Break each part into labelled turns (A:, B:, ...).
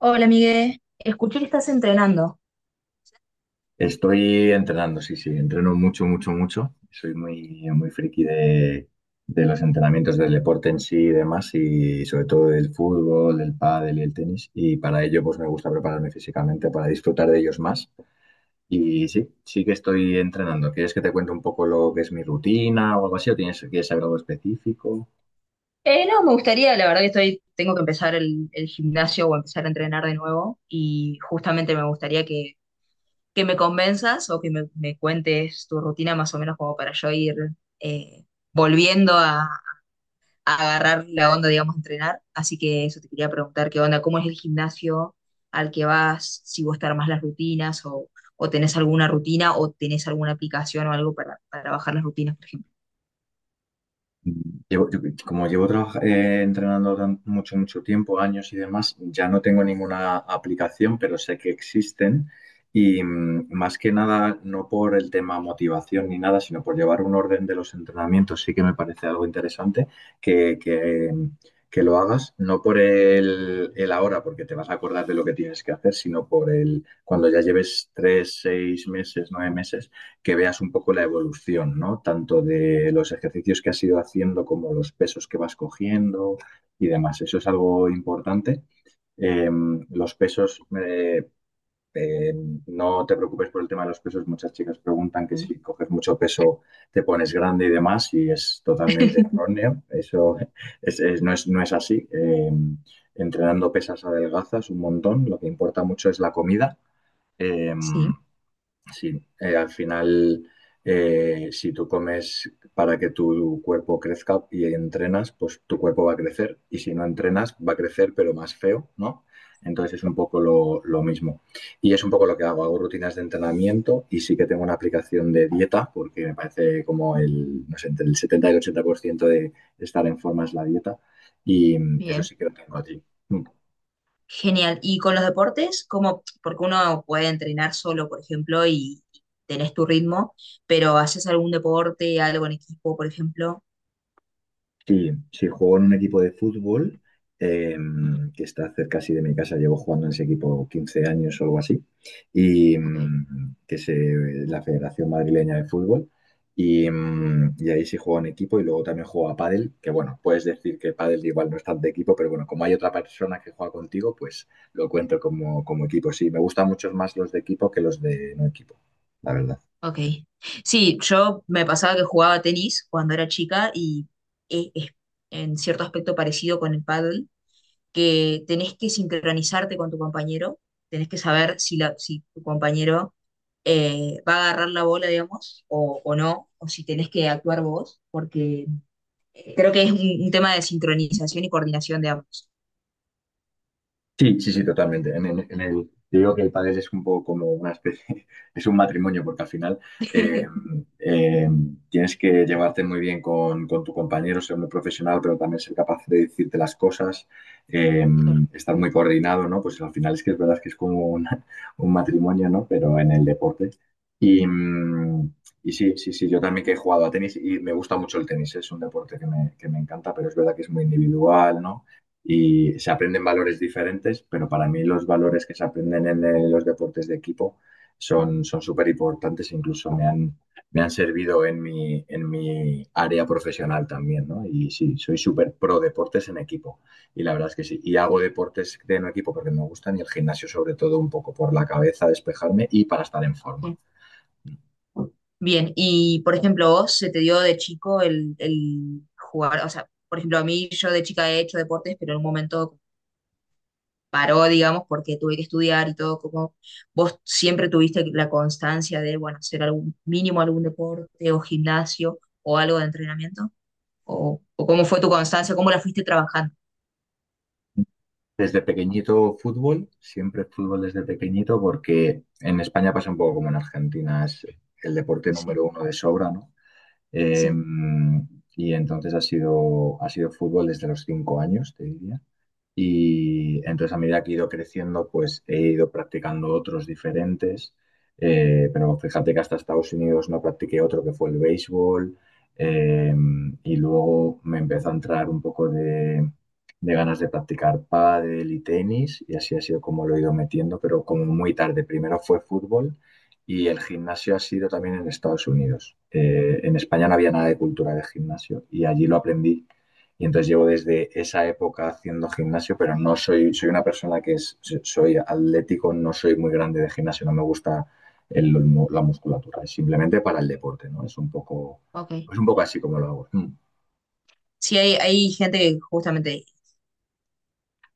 A: Hola, Miguel. Escuché que estás entrenando.
B: Estoy entrenando, sí, sí, entreno mucho, mucho, mucho. Soy muy, muy friki de los entrenamientos del deporte en sí y demás, y sobre todo del fútbol, del pádel y el tenis. Y para ello, pues me gusta prepararme físicamente para disfrutar de ellos más. Y sí, sí que estoy entrenando. ¿Quieres que te cuente un poco lo que es mi rutina o algo así? ¿O quieres saber algo específico?
A: No, me gustaría, la verdad que estoy, tengo que empezar el gimnasio o empezar a entrenar de nuevo y justamente me gustaría que me convenzas o que me cuentes tu rutina más o menos como para yo ir eh, volviendo a agarrar la onda, digamos, a entrenar. Así que eso te quería preguntar, ¿qué onda? ¿Cómo es el gimnasio al que vas? ¿Si vos te armás las o tenés alguna rutina o tenés alguna aplicación o algo para bajar las rutinas, por ejemplo?
B: Entrenando mucho, mucho tiempo, años y demás, ya no tengo ninguna aplicación, pero sé que existen y más que nada no por el tema motivación ni nada, sino por llevar un orden de los entrenamientos, sí que me parece algo interesante que, que, que lo hagas, no por el ahora, porque te vas a acordar de lo que tienes que hacer, sino por el cuando ya lleves tres, seis meses, nueve meses que veas un poco la evolución, ¿no? Tanto de los ejercicios que has ido haciendo como los pesos que vas cogiendo y demás. Eso es algo importante. Eh, los pesos, eh, no te preocupes por el tema de los pesos. Muchas chicas preguntan que si coges mucho peso te pones grande y demás, y es totalmente
A: Sí.
B: erróneo. Eso no no es así. Entrenando pesas adelgazas un montón. Lo que importa mucho es la comida. Eh,
A: Sí.
B: Sí, al final, si tú comes para que tu cuerpo crezca y entrenas, pues tu cuerpo va a crecer. Y si no entrenas, va a crecer, pero más feo, ¿no? Entonces es un poco lo mismo. Y es un poco lo que hago. Hago rutinas de entrenamiento y sí que tengo una aplicación de dieta, porque me parece como no sé, entre el 70 y el 80% de estar en forma es la dieta. Y eso
A: Bien,
B: sí que lo tengo allí. Mm.
A: genial. ¿Y con los deportes? ¿Cómo? Porque uno puede entrenar solo, por ejemplo, y tenés tu ritmo, pero ¿haces algún deporte, algo en equipo, por ejemplo?
B: Sí, sí, juego en un equipo de fútbol
A: Ujú.
B: que está cerca así de mi casa. Llevo jugando en ese equipo 15 años o algo así. Y
A: Ok.
B: que es la Federación Madrileña de Fútbol. Y ahí sí juego en equipo. Y luego también juego a pádel, que bueno, puedes decir que pádel igual no es tan de equipo, pero bueno, como hay otra persona que juega contigo, pues lo cuento como, como equipo. Sí, me gustan mucho más los de equipo que los de no equipo, la verdad.
A: Ok. Sí, yo me pasaba que jugaba tenis cuando era chica y es en cierto aspecto parecido con el pádel, que tenés que sincronizarte con tu compañero, tenés que saber si tu compañero va a agarrar la bola, digamos, o no, o si tenés que actuar vos, porque creo que es un tema de sincronización y coordinación de ambos.
B: Sí, sí, sí, totalmente. Yo digo que el padre es un poco como una especie, es un matrimonio, porque al final eh, eh, tienes que llevarte muy bien con tu compañero, ser muy profesional, pero también ser capaz de decirte las cosas, eh,
A: Claro,
B: estar muy coordinado, ¿no? Pues al final es que es verdad que es como una- un matrimonio, ¿no? Pero en el deporte. Y, mm, y sí, sí, sí, yo también que he jugado a tenis y me gusta mucho el tenis, es un deporte que me encanta, pero es verdad que es muy individual, ¿no? Y se aprenden valores diferentes, pero para mí los valores que se aprenden en, los deportes de equipo son súper importantes, me han servido en en mi área profesional también, ¿no? Y sí, soy súper pro deportes en equipo, y la verdad es que sí. Y hago deportes de en equipo porque me gustan y el gimnasio sobre todo un poco por la cabeza, despejarme y para estar en forma.
A: bien. Bien, y por ejemplo, vos se te dio de chico el jugar, o sea, por ejemplo, a mí yo de chica he hecho deportes, pero en un momento paró, digamos, porque tuve que estudiar y todo. Como vos siempre tuviste la constancia de, bueno, hacer algún mínimo algún deporte o gimnasio o algo de entrenamiento, o cómo fue tu constancia, cómo la fuiste trabajando.
B: Desde pequeñito fútbol, siempre fútbol desde pequeñito, porque en España pasa un poco como en Argentina, es el deporte
A: Sí,
B: número uno de sobra, ¿no? Eh,
A: sí,
B: y entonces ha sido fútbol desde los cinco años, te diría. Y entonces a medida que he ido creciendo, pues he ido practicando otros diferentes. Pero fíjate que hasta Estados Unidos no practiqué otro que fue el béisbol. Eh, y luego me empezó a entrar un poco de ganas de practicar pádel y tenis. Y así ha sido como lo he ido metiendo, pero como muy tarde. Primero fue fútbol y el gimnasio ha sido también en Estados Unidos. En España no había nada de cultura de gimnasio y allí lo aprendí y entonces llevo desde esa época haciendo gimnasio, pero no soy, soy una persona que es, so, soy atlético, no soy muy grande de gimnasio, no me gusta el- la musculatura, es simplemente para el deporte, ¿no?
A: ok.
B: Es un poco así como lo hago. Mm.
A: Sí, hay gente que justamente,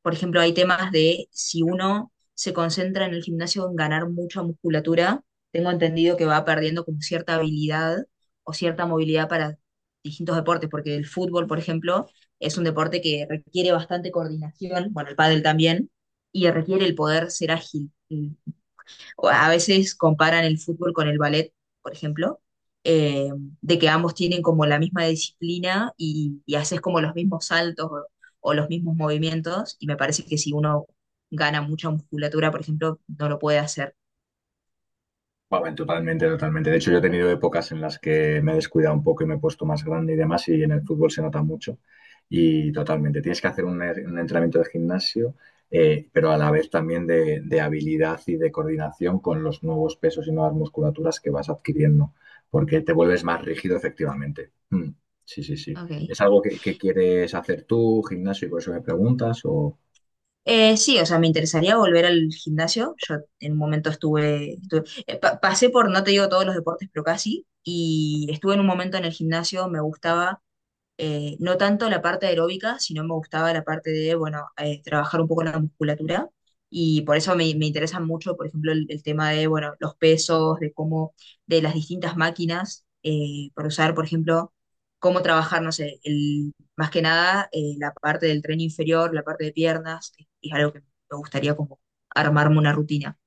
A: por ejemplo, hay temas de si uno se concentra en el gimnasio en ganar mucha musculatura, tengo entendido que va perdiendo como cierta habilidad o cierta movilidad para distintos deportes, porque el fútbol, por ejemplo, es un deporte que requiere bastante coordinación, bueno, el pádel también, y requiere el poder ser ágil, el o a veces comparan el fútbol con el ballet, por ejemplo, eh, de que ambos tienen como la misma disciplina y haces como los mismos o los mismos movimientos, y me parece que si uno gana mucha musculatura, por ejemplo, no lo puede hacer.
B: Bueno, totalmente, totalmente. De hecho, yo he tenido épocas en las que me he descuidado un poco y me he puesto más grande y demás, y en el fútbol se nota mucho. Y totalmente, tienes que hacer un, un entrenamiento de gimnasio, pero a la vez también de habilidad y de coordinación con los nuevos pesos y nuevas musculaturas que vas adquiriendo, porque te vuelves más rígido efectivamente. Sí, sí, sí.
A: Ok.
B: ¿Es algo que quieres hacer tú, gimnasio, y por eso me preguntas? O...
A: Sí, o sea, me interesaría volver al gimnasio. Yo en un momento estuve, pasé por, no te digo todos los deportes, pero casi, y estuve en un momento en el gimnasio, me gustaba no tanto la parte aeróbica, sino me gustaba la parte de, bueno, trabajar un poco la musculatura. Y por eso me interesa mucho, por ejemplo, el tema de, bueno, los pesos, de cómo, de las distintas máquinas, para usar, por ejemplo, cómo trabajar, no sé, el, más que nada la parte del tren inferior, la parte de piernas, es algo que me gustaría como armarme una rutina,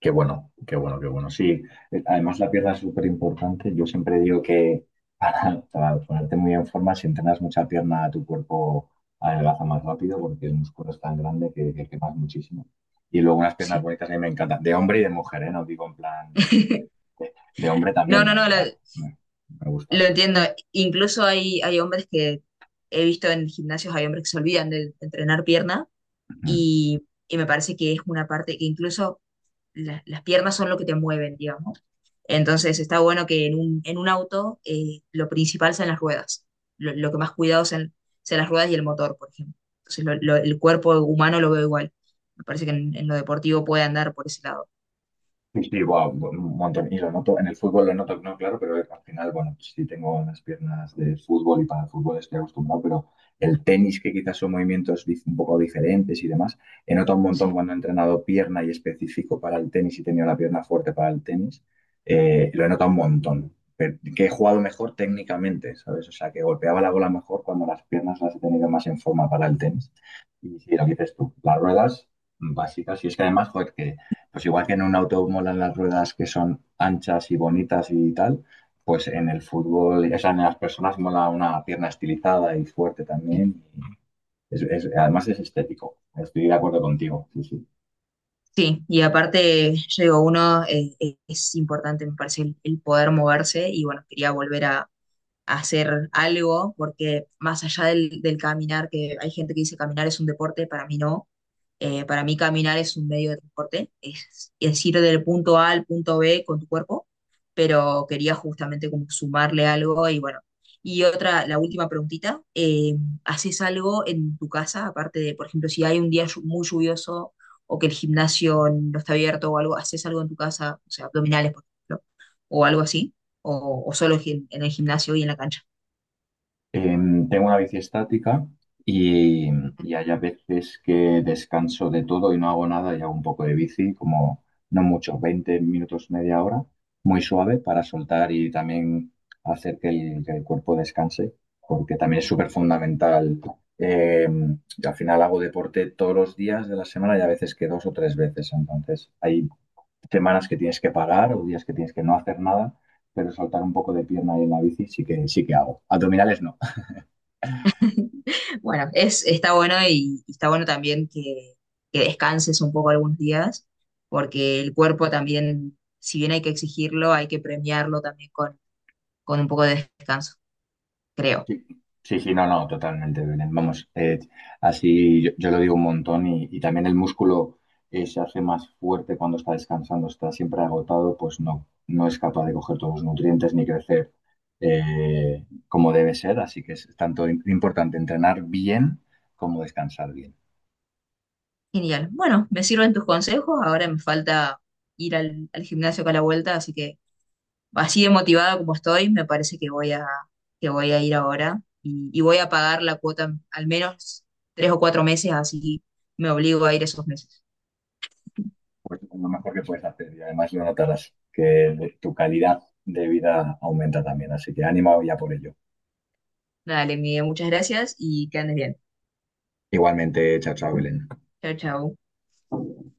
B: Qué bueno, qué bueno, qué bueno. Sí, además la pierna es súper importante. Yo siempre digo que para ponerte muy en forma, si entrenas mucha pierna, tu cuerpo adelgaza más rápido porque el músculo es tan grande que quemas muchísimo. Y luego unas piernas
A: sí.
B: bonitas a mí me encantan, de hombre y de mujer, ¿eh? No digo en plan de hombre
A: No,
B: también
A: no, no,
B: me gusta.
A: lo entiendo. Incluso hay hombres que he visto en gimnasios, hay hombres que se olvidan de entrenar pierna y me parece que es una parte que incluso las piernas son lo que te mueven, digamos. Entonces está bueno que en en un auto lo principal sean las ruedas. Lo que más cuidado sean las ruedas y el motor, por ejemplo. Entonces el cuerpo humano lo veo igual. Me parece que en lo deportivo puede andar por ese lado.
B: Sí, sí, buah, un montón. Y lo noto, en el fútbol lo noto, no, claro, pero al final, bueno, pues sí tengo las piernas de fútbol y para el fútbol estoy acostumbrado, pero el tenis, que quizás son movimientos un poco diferentes y demás, he notado un montón
A: Sí.
B: cuando he entrenado pierna y específico para el tenis y he tenido la pierna fuerte para el tenis, lo he notado un montón. Pero que he jugado mejor técnicamente, ¿sabes? O sea, que golpeaba la bola mejor cuando las piernas las he tenido más en forma para el tenis. Y sí, lo que dices tú, las ruedas básicas, y es que además, joder, que pues igual que en un auto molan las ruedas que son anchas y bonitas y tal, pues en el fútbol, o sea, en las personas mola una pierna estilizada y fuerte también. Y además es estético. Estoy de acuerdo contigo. Sí, sí.
A: Sí, y aparte, yo digo, uno es importante, me parece, el poder moverse y bueno, quería volver a hacer algo porque más allá del caminar, que hay gente que dice caminar es un deporte, para mí no, para mí caminar es un medio de transporte, es ir del punto A al punto B con tu cuerpo, pero quería justamente como sumarle algo y bueno. Y otra, la última preguntita, ¿haces algo en tu casa, aparte de, por ejemplo, si hay un día muy lluvioso o que el gimnasio no está abierto o algo? ¿Haces algo en tu casa, o sea, abdominales, por ejemplo, o algo así? O solo en el gimnasio y en la cancha?
B: Tengo una bici estática y, y hay a veces que descanso de todo y no hago nada y hago un poco de bici, como no mucho, 20 minutos, media hora, muy suave para soltar y también hacer que que el cuerpo descanse, porque también es súper fundamental. Em, Al final hago deporte todos los días de la semana y a veces que dos o tres veces, entonces hay semanas que tienes que parar o días que tienes que no hacer nada, pero soltar un poco de pierna y en la bici sí sí que hago. Abdominales no.
A: Bueno, está bueno y está bueno también que descanses un poco algunos días, porque el cuerpo también, si bien hay que exigirlo, hay que premiarlo también con un poco de descanso, creo.
B: Sí, sí, sí, no, no, totalmente, Belén. Vamos, así yo lo digo un montón y también el músculo se hace más fuerte cuando está descansando, está siempre agotado, pues no, no es capaz de coger todos los nutrientes ni crecer como debe ser, así que es tanto importante entrenar bien como descansar bien.
A: Genial. Bueno, me sirven tus consejos, ahora me falta ir al gimnasio acá a la vuelta, así que así de motivada como estoy, me parece que que voy a ir ahora y voy a pagar la cuota al menos tres o cuatro meses, así me obligo a ir esos meses.
B: Pues lo mejor que puedes hacer y además lo notarás, que tu calidad de vida aumenta también, así que ánimo ya por ello.
A: Dale, Miguel, muchas gracias y que andes bien.
B: Igualmente, chao, chao, Belén.
A: Chao, chao.